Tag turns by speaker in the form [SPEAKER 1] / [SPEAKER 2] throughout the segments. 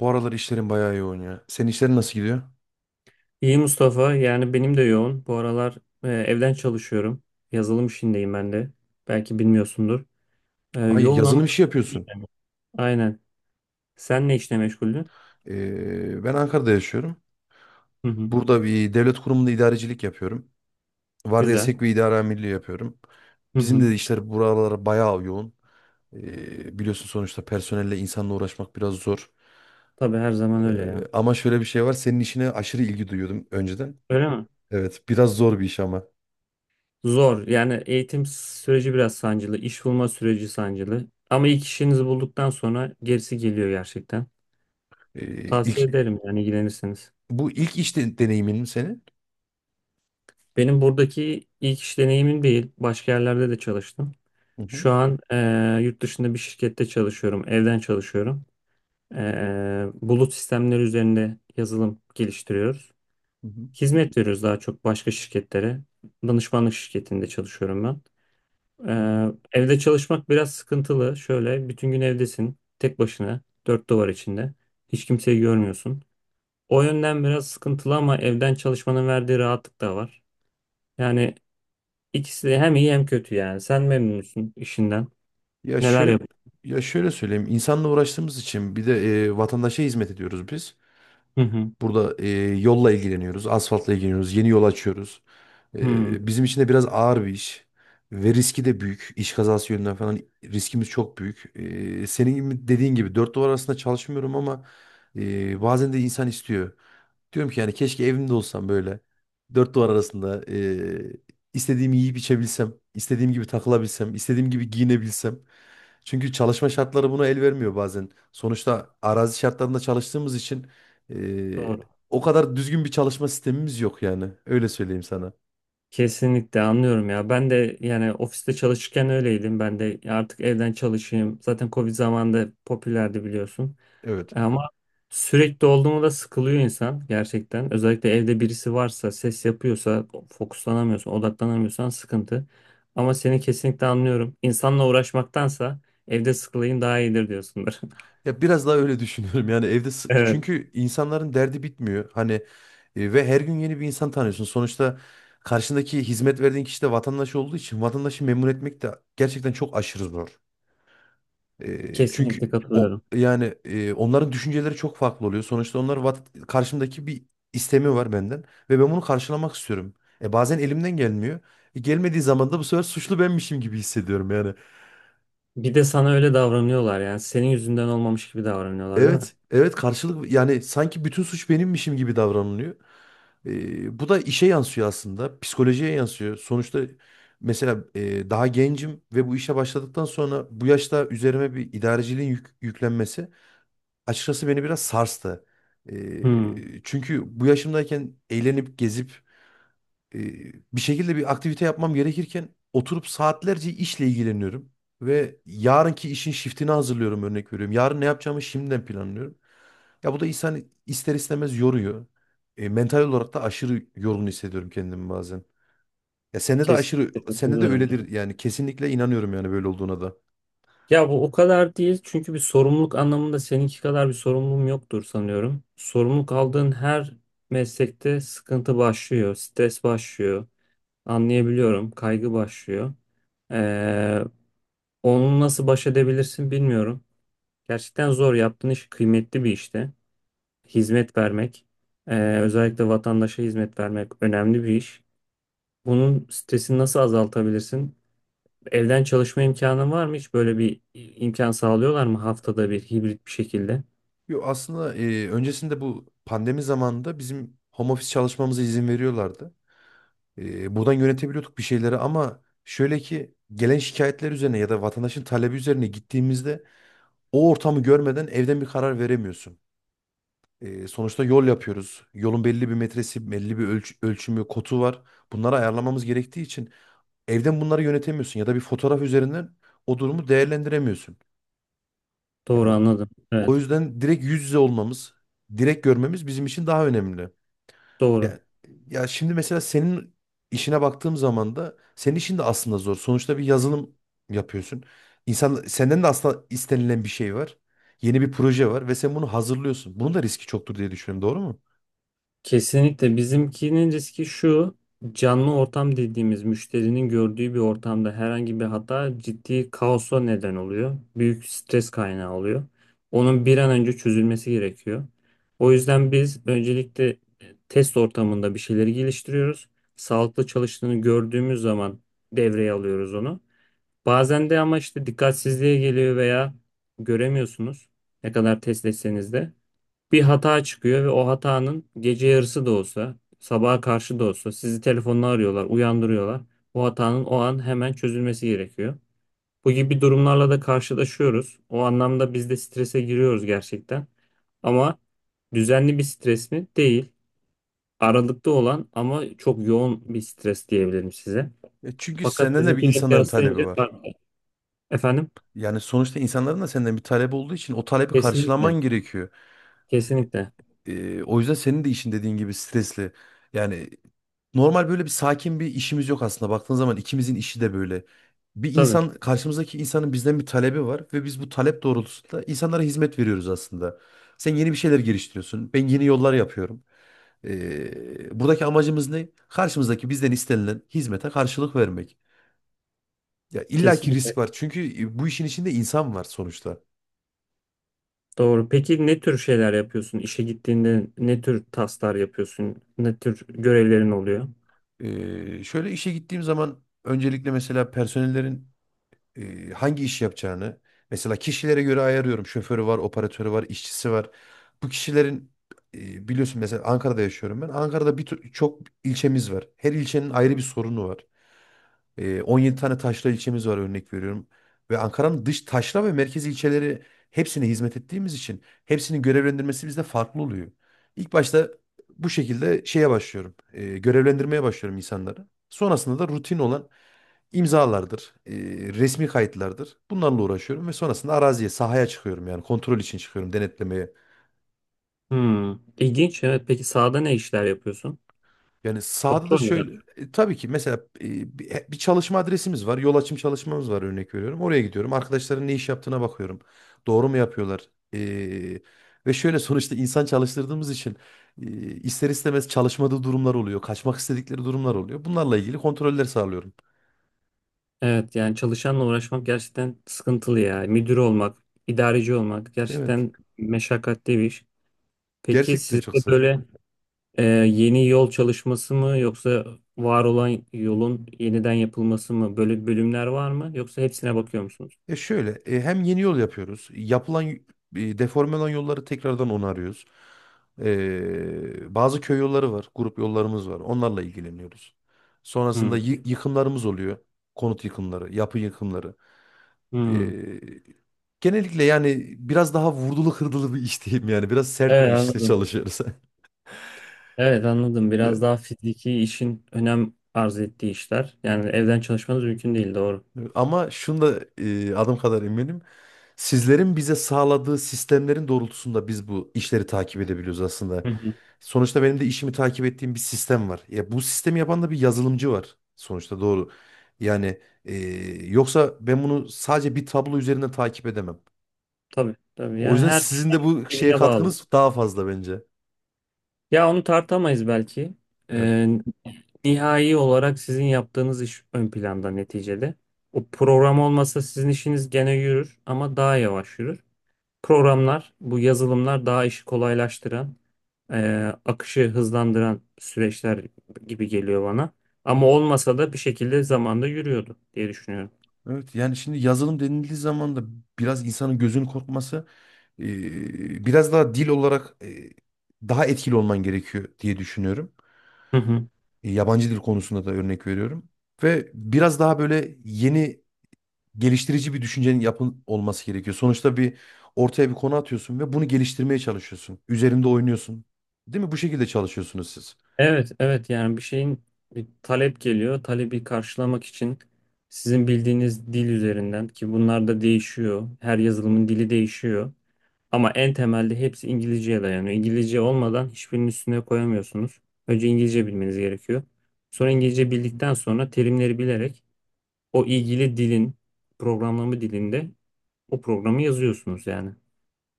[SPEAKER 1] Bu aralar işlerin bayağı yoğun ya. Senin işlerin nasıl gidiyor?
[SPEAKER 2] İyi Mustafa. Yani benim de yoğun. Bu aralar evden çalışıyorum. Yazılım işindeyim ben de. Belki bilmiyorsundur.
[SPEAKER 1] Ay
[SPEAKER 2] Yoğun ama
[SPEAKER 1] yazılım işi
[SPEAKER 2] İyi
[SPEAKER 1] yapıyorsun.
[SPEAKER 2] yani. Aynen. Sen ne işle meşguldün?
[SPEAKER 1] Ben Ankara'da yaşıyorum.
[SPEAKER 2] Hı hı.
[SPEAKER 1] Burada bir devlet kurumunda idarecilik yapıyorum. Vardiya
[SPEAKER 2] Güzel.
[SPEAKER 1] sek ve idare amirliği yapıyorum.
[SPEAKER 2] Hı
[SPEAKER 1] Bizim
[SPEAKER 2] hı.
[SPEAKER 1] de işler buralara bayağı yoğun. Biliyorsun sonuçta personelle insanla uğraşmak biraz zor.
[SPEAKER 2] Tabii her zaman öyle ya.
[SPEAKER 1] Ama şöyle bir şey var. Senin işine aşırı ilgi duyuyordum önceden.
[SPEAKER 2] Öyle mi?
[SPEAKER 1] Evet, biraz zor bir iş ama.
[SPEAKER 2] Zor. Yani eğitim süreci biraz sancılı. İş bulma süreci sancılı. Ama ilk işinizi bulduktan sonra gerisi geliyor gerçekten.
[SPEAKER 1] Ee,
[SPEAKER 2] Tavsiye
[SPEAKER 1] ilk,
[SPEAKER 2] ederim yani ilgilenirseniz.
[SPEAKER 1] Bu ilk iş de, deneyimin mi senin?
[SPEAKER 2] Benim buradaki ilk iş deneyimim değil. Başka yerlerde de çalıştım.
[SPEAKER 1] Hı hı.
[SPEAKER 2] Şu an yurt dışında bir şirkette çalışıyorum. Evden çalışıyorum. Bulut sistemleri üzerinde yazılım geliştiriyoruz.
[SPEAKER 1] Hı
[SPEAKER 2] Hizmet veriyoruz daha çok başka şirketlere. Danışmanlık şirketinde çalışıyorum ben.
[SPEAKER 1] hı.
[SPEAKER 2] Evde çalışmak biraz sıkıntılı. Şöyle bütün gün evdesin. Tek başına. Dört duvar içinde. Hiç kimseyi görmüyorsun. O yönden biraz sıkıntılı ama evden çalışmanın verdiği rahatlık da var. Yani İkisi de hem iyi hem kötü yani. Sen memnun musun işinden?
[SPEAKER 1] Ya
[SPEAKER 2] Neler
[SPEAKER 1] şöyle
[SPEAKER 2] yapıyorsun?
[SPEAKER 1] ya şöyle söyleyeyim. İnsanla uğraştığımız için bir de vatandaşa hizmet ediyoruz biz.
[SPEAKER 2] Hı hı.
[SPEAKER 1] Burada yolla ilgileniyoruz, asfaltla ilgileniyoruz, yeni yol açıyoruz.
[SPEAKER 2] Hı.
[SPEAKER 1] Bizim için de biraz ağır bir iş ve riski de büyük. İş kazası yönünden falan riskimiz çok büyük. Senin gibi dediğin gibi dört duvar arasında çalışmıyorum ama bazen de insan istiyor. Diyorum ki yani keşke evimde olsam böyle dört duvar arasında istediğimi yiyip içebilsem, istediğim gibi takılabilsem, istediğim gibi giyinebilsem. Çünkü çalışma şartları buna el vermiyor bazen. Sonuçta arazi şartlarında çalıştığımız için ee,
[SPEAKER 2] Doğru.
[SPEAKER 1] o kadar düzgün bir çalışma sistemimiz yok yani. Öyle söyleyeyim sana.
[SPEAKER 2] Kesinlikle anlıyorum ya. Ben de yani ofiste çalışırken öyleydim. Ben de artık evden çalışayım. Zaten Covid zamanında popülerdi biliyorsun.
[SPEAKER 1] Evet.
[SPEAKER 2] Ama sürekli olduğunda da sıkılıyor insan gerçekten. Özellikle evde birisi varsa, ses yapıyorsa, fokuslanamıyorsan, odaklanamıyorsan sıkıntı. Ama seni kesinlikle anlıyorum. İnsanla uğraşmaktansa evde sıkılayım daha iyidir diyorsundur.
[SPEAKER 1] Ya biraz daha öyle düşünüyorum. Yani
[SPEAKER 2] Evet,
[SPEAKER 1] çünkü insanların derdi bitmiyor. Hani ve her gün yeni bir insan tanıyorsun. Sonuçta karşındaki hizmet verdiğin kişi de vatandaş olduğu için vatandaşı memnun etmek de gerçekten çok aşırı zor.
[SPEAKER 2] kesinlikle
[SPEAKER 1] Çünkü o
[SPEAKER 2] katılıyorum.
[SPEAKER 1] yani onların düşünceleri çok farklı oluyor. Sonuçta onlar karşımdaki bir istemi var benden ve ben bunu karşılamak istiyorum. Bazen elimden gelmiyor. Gelmediği zaman da bu sefer suçlu benmişim gibi hissediyorum yani.
[SPEAKER 2] Bir de sana öyle davranıyorlar yani. Senin yüzünden olmamış gibi davranıyorlar değil mi?
[SPEAKER 1] Evet, evet karşılık yani sanki bütün suç benimmişim gibi davranılıyor. Bu da işe yansıyor aslında, psikolojiye yansıyor. Sonuçta mesela daha gencim ve bu işe başladıktan sonra bu yaşta üzerime bir idareciliğin yüklenmesi açıkçası beni biraz sarstı.
[SPEAKER 2] Hmm.
[SPEAKER 1] Çünkü bu yaşımdayken eğlenip gezip bir şekilde bir aktivite yapmam gerekirken oturup saatlerce işle ilgileniyorum. Ve yarınki işin shiftini hazırlıyorum, örnek veriyorum. Yarın ne yapacağımı şimdiden planlıyorum. Ya bu da insan ister istemez yoruyor. Mental olarak da aşırı yorgun hissediyorum kendimi bazen. Ya
[SPEAKER 2] Kesinlikle
[SPEAKER 1] sende de
[SPEAKER 2] katılıyorum. Ya
[SPEAKER 1] öyledir yani kesinlikle inanıyorum yani böyle olduğuna da.
[SPEAKER 2] Ya bu o kadar değil çünkü bir sorumluluk anlamında seninki kadar bir sorumluluğum yoktur sanıyorum. Sorumluluk aldığın her meslekte sıkıntı başlıyor, stres başlıyor, anlayabiliyorum, kaygı başlıyor. Ee, onu nasıl baş edebilirsin bilmiyorum. Gerçekten zor. Yaptığın iş kıymetli bir işte. Hizmet vermek, özellikle vatandaşa hizmet vermek önemli bir iş. Bunun stresini nasıl azaltabilirsin? Evden çalışma imkanın var mı? Hiç böyle bir imkan sağlıyorlar mı haftada bir hibrit bir şekilde?
[SPEAKER 1] Yo aslında öncesinde bu pandemi zamanında bizim home office çalışmamıza izin veriyorlardı. Buradan yönetebiliyorduk bir şeyleri, ama şöyle ki gelen şikayetler üzerine ya da vatandaşın talebi üzerine gittiğimizde o ortamı görmeden evden bir karar veremiyorsun. Sonuçta yol yapıyoruz. Yolun belli bir metresi, belli bir ölçümü, kotu var. Bunları ayarlamamız gerektiği için evden bunları yönetemiyorsun ya da bir fotoğraf üzerinden o durumu değerlendiremiyorsun. Yani
[SPEAKER 2] Doğru
[SPEAKER 1] o
[SPEAKER 2] anladım.
[SPEAKER 1] o
[SPEAKER 2] Evet,
[SPEAKER 1] yüzden direkt yüz yüze olmamız, direkt görmemiz bizim için daha önemli.
[SPEAKER 2] doğru.
[SPEAKER 1] Yani ya şimdi mesela senin işine baktığım zaman da senin işin de aslında zor. Sonuçta bir yazılım yapıyorsun. İnsan senden de aslında istenilen bir şey var. Yeni bir proje var ve sen bunu hazırlıyorsun. Bunun da riski çoktur diye düşünüyorum, doğru mu?
[SPEAKER 2] Kesinlikle bizimkinin riski şu: canlı ortam dediğimiz müşterinin gördüğü bir ortamda herhangi bir hata ciddi kaosa neden oluyor. Büyük stres kaynağı oluyor. Onun bir an önce çözülmesi gerekiyor. O yüzden biz öncelikle test ortamında bir şeyleri geliştiriyoruz. Sağlıklı çalıştığını gördüğümüz zaman devreye alıyoruz onu. Bazen de ama işte dikkatsizliğe geliyor veya göremiyorsunuz ne kadar test etseniz de bir hata çıkıyor ve o hatanın gece yarısı da olsa, sabaha karşı da olsa sizi telefonla arıyorlar, uyandırıyorlar. Bu hatanın o an hemen çözülmesi gerekiyor. Bu gibi durumlarla da karşılaşıyoruz. O anlamda biz de strese giriyoruz gerçekten. Ama düzenli bir stres mi? Değil. Aralıkta olan ama çok yoğun bir stres diyebilirim size.
[SPEAKER 1] E çünkü
[SPEAKER 2] Fakat
[SPEAKER 1] senden de bir
[SPEAKER 2] sizinkiyle
[SPEAKER 1] insanların talebi
[SPEAKER 2] kıyaslayınca
[SPEAKER 1] var.
[SPEAKER 2] farklı. Efendim?
[SPEAKER 1] Yani sonuçta insanların da senden bir talebi olduğu için o talebi karşılaman
[SPEAKER 2] Kesinlikle.
[SPEAKER 1] gerekiyor.
[SPEAKER 2] Kesinlikle.
[SPEAKER 1] O yüzden senin de işin dediğin gibi stresli. Yani normal böyle bir sakin bir işimiz yok aslında. Baktığın zaman ikimizin işi de böyle. Bir
[SPEAKER 2] Tabii.
[SPEAKER 1] insan karşımızdaki insanın bizden bir talebi var ve biz bu talep doğrultusunda insanlara hizmet veriyoruz aslında. Sen yeni bir şeyler geliştiriyorsun. Ben yeni yollar yapıyorum. Buradaki amacımız ne? Karşımızdaki bizden istenilen hizmete karşılık vermek. Ya illaki risk
[SPEAKER 2] Kesinlikle.
[SPEAKER 1] var. Çünkü bu işin içinde insan var sonuçta.
[SPEAKER 2] Doğru. Peki ne tür şeyler yapıyorsun? İşe gittiğinde ne tür tasklar yapıyorsun? Ne tür görevlerin oluyor?
[SPEAKER 1] Şöyle işe gittiğim zaman öncelikle mesela personellerin hangi iş yapacağını mesela kişilere göre ayarıyorum. Şoförü var, operatörü var, işçisi var. Bu kişilerin biliyorsun mesela Ankara'da yaşıyorum ben. Ankara'da bir çok ilçemiz var. Her ilçenin ayrı bir sorunu var. 17 tane taşra ilçemiz var, örnek veriyorum. Ve Ankara'nın dış taşra ve merkez ilçeleri hepsine hizmet ettiğimiz için hepsinin görevlendirmesi bizde farklı oluyor. İlk başta bu şekilde şeye başlıyorum. Görevlendirmeye başlıyorum insanları. Sonrasında da rutin olan imzalardır, resmi kayıtlardır. Bunlarla uğraşıyorum ve sonrasında araziye, sahaya çıkıyorum yani kontrol için çıkıyorum, denetlemeye.
[SPEAKER 2] Hmm. İlginç. Evet. Peki sahada ne işler yapıyorsun?
[SPEAKER 1] Yani sahada da
[SPEAKER 2] Kontrol mü?
[SPEAKER 1] şöyle tabii ki mesela bir çalışma adresimiz var. Yol açım çalışmamız var, örnek veriyorum. Oraya gidiyorum. Arkadaşların ne iş yaptığına bakıyorum. Doğru mu yapıyorlar? Ve şöyle sonuçta insan çalıştırdığımız için e, ister istemez çalışmadığı durumlar oluyor. Kaçmak istedikleri durumlar oluyor. Bunlarla ilgili kontroller sağlıyorum.
[SPEAKER 2] Evet. Yani çalışanla uğraşmak gerçekten sıkıntılı ya. Müdür olmak, idareci olmak
[SPEAKER 1] Evet.
[SPEAKER 2] gerçekten meşakkatli bir iş. Peki
[SPEAKER 1] Gerçekten çok
[SPEAKER 2] sizde
[SPEAKER 1] zor.
[SPEAKER 2] böyle yeni yol çalışması mı yoksa var olan yolun yeniden yapılması mı? Böyle bölümler var mı? Yoksa hepsine bakıyor musunuz?
[SPEAKER 1] Ya şöyle hem yeni yol yapıyoruz. Deforme olan yolları tekrardan onarıyoruz. Bazı köy yolları var. Grup yollarımız var. Onlarla ilgileniyoruz. Sonrasında
[SPEAKER 2] Hmm.
[SPEAKER 1] yıkımlarımız oluyor. Konut yıkımları, yapı yıkımları.
[SPEAKER 2] Hmm.
[SPEAKER 1] Ee, Genellikle yani biraz daha vurdulu kırdılı bir iş diyeyim yani. Biraz sert bir
[SPEAKER 2] Evet
[SPEAKER 1] işte
[SPEAKER 2] anladım.
[SPEAKER 1] çalışıyoruz.
[SPEAKER 2] Evet anladım. Biraz
[SPEAKER 1] Yani.
[SPEAKER 2] daha fiziki işin önem arz ettiği işler. Yani evden çalışmanız mümkün değil doğru.
[SPEAKER 1] Evet. Ama şunu da adım kadar eminim. Sizlerin bize sağladığı sistemlerin doğrultusunda biz bu işleri takip edebiliyoruz aslında.
[SPEAKER 2] Hı hı.
[SPEAKER 1] Sonuçta benim de işimi takip ettiğim bir sistem var. Ya bu sistemi yapan da bir yazılımcı var. Sonuçta doğru. Yani yoksa ben bunu sadece bir tablo üzerinden takip edemem.
[SPEAKER 2] Tabii tabii.
[SPEAKER 1] O
[SPEAKER 2] Yani
[SPEAKER 1] yüzden
[SPEAKER 2] herkes
[SPEAKER 1] sizin de bu şeye
[SPEAKER 2] birbirine bağlı.
[SPEAKER 1] katkınız daha fazla bence.
[SPEAKER 2] Ya onu tartamayız belki.
[SPEAKER 1] Evet.
[SPEAKER 2] Ee, nihai olarak sizin yaptığınız iş ön planda neticede. O program olmasa sizin işiniz gene yürür ama daha yavaş yürür. Programlar, bu yazılımlar daha işi kolaylaştıran, e, akışı hızlandıran süreçler gibi geliyor bana. Ama olmasa da bir şekilde zamanda yürüyordu diye düşünüyorum.
[SPEAKER 1] Evet. Yani şimdi yazılım denildiği zaman da biraz insanın gözünün korkması, e, biraz daha dil olarak daha etkili olman gerekiyor diye düşünüyorum.
[SPEAKER 2] Hı hı.
[SPEAKER 1] Yabancı dil konusunda da örnek veriyorum. Ve biraz daha böyle yeni geliştirici bir düşüncenin yapın olması gerekiyor. Sonuçta ortaya bir konu atıyorsun ve bunu geliştirmeye çalışıyorsun. Üzerinde oynuyorsun. Değil mi? Bu şekilde çalışıyorsunuz siz.
[SPEAKER 2] Evet, evet yani bir şeyin bir talep geliyor. Talebi karşılamak için sizin bildiğiniz dil üzerinden ki bunlar da değişiyor. Her yazılımın dili değişiyor. Ama en temelde hepsi İngilizceye dayanıyor. İngilizce olmadan hiçbirinin üstüne koyamıyorsunuz. Önce İngilizce bilmeniz gerekiyor. Sonra İngilizce bildikten sonra terimleri bilerek o ilgili dilin programlama dilinde o programı yazıyorsunuz yani.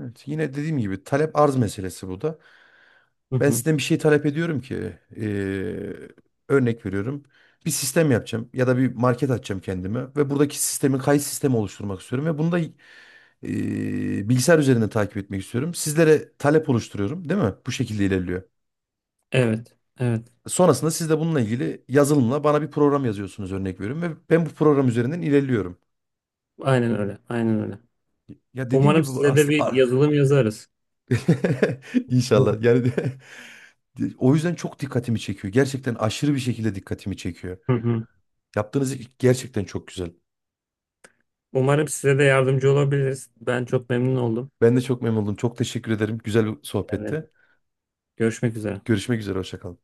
[SPEAKER 1] Evet, yine dediğim gibi talep arz meselesi bu da.
[SPEAKER 2] Hı
[SPEAKER 1] Ben
[SPEAKER 2] hı.
[SPEAKER 1] sizden bir şey talep ediyorum ki örnek veriyorum. Bir sistem yapacağım ya da bir market açacağım kendime ve buradaki sistemin kayıt sistemi oluşturmak istiyorum ve bunu da bilgisayar üzerinde takip etmek istiyorum. Sizlere talep oluşturuyorum, değil mi? Bu şekilde ilerliyor.
[SPEAKER 2] Evet, evet.
[SPEAKER 1] Sonrasında siz de bununla ilgili yazılımla bana bir program yazıyorsunuz, örnek veriyorum, ve ben bu program üzerinden ilerliyorum.
[SPEAKER 2] Aynen öyle, aynen öyle.
[SPEAKER 1] Ya dediğim
[SPEAKER 2] Umarım
[SPEAKER 1] gibi bu
[SPEAKER 2] size de bir
[SPEAKER 1] aslında
[SPEAKER 2] yazılım yazarız.
[SPEAKER 1] inşallah o yüzden çok dikkatimi çekiyor. Gerçekten aşırı bir şekilde dikkatimi çekiyor.
[SPEAKER 2] Hı hı.
[SPEAKER 1] Yaptığınız iş gerçekten çok güzel.
[SPEAKER 2] Umarım size de yardımcı olabiliriz. Ben çok memnun oldum.
[SPEAKER 1] Ben de çok memnun oldum. Çok teşekkür ederim. Güzel bir
[SPEAKER 2] Evet.
[SPEAKER 1] sohbette.
[SPEAKER 2] Görüşmek üzere.
[SPEAKER 1] Görüşmek üzere. Hoşça kalın.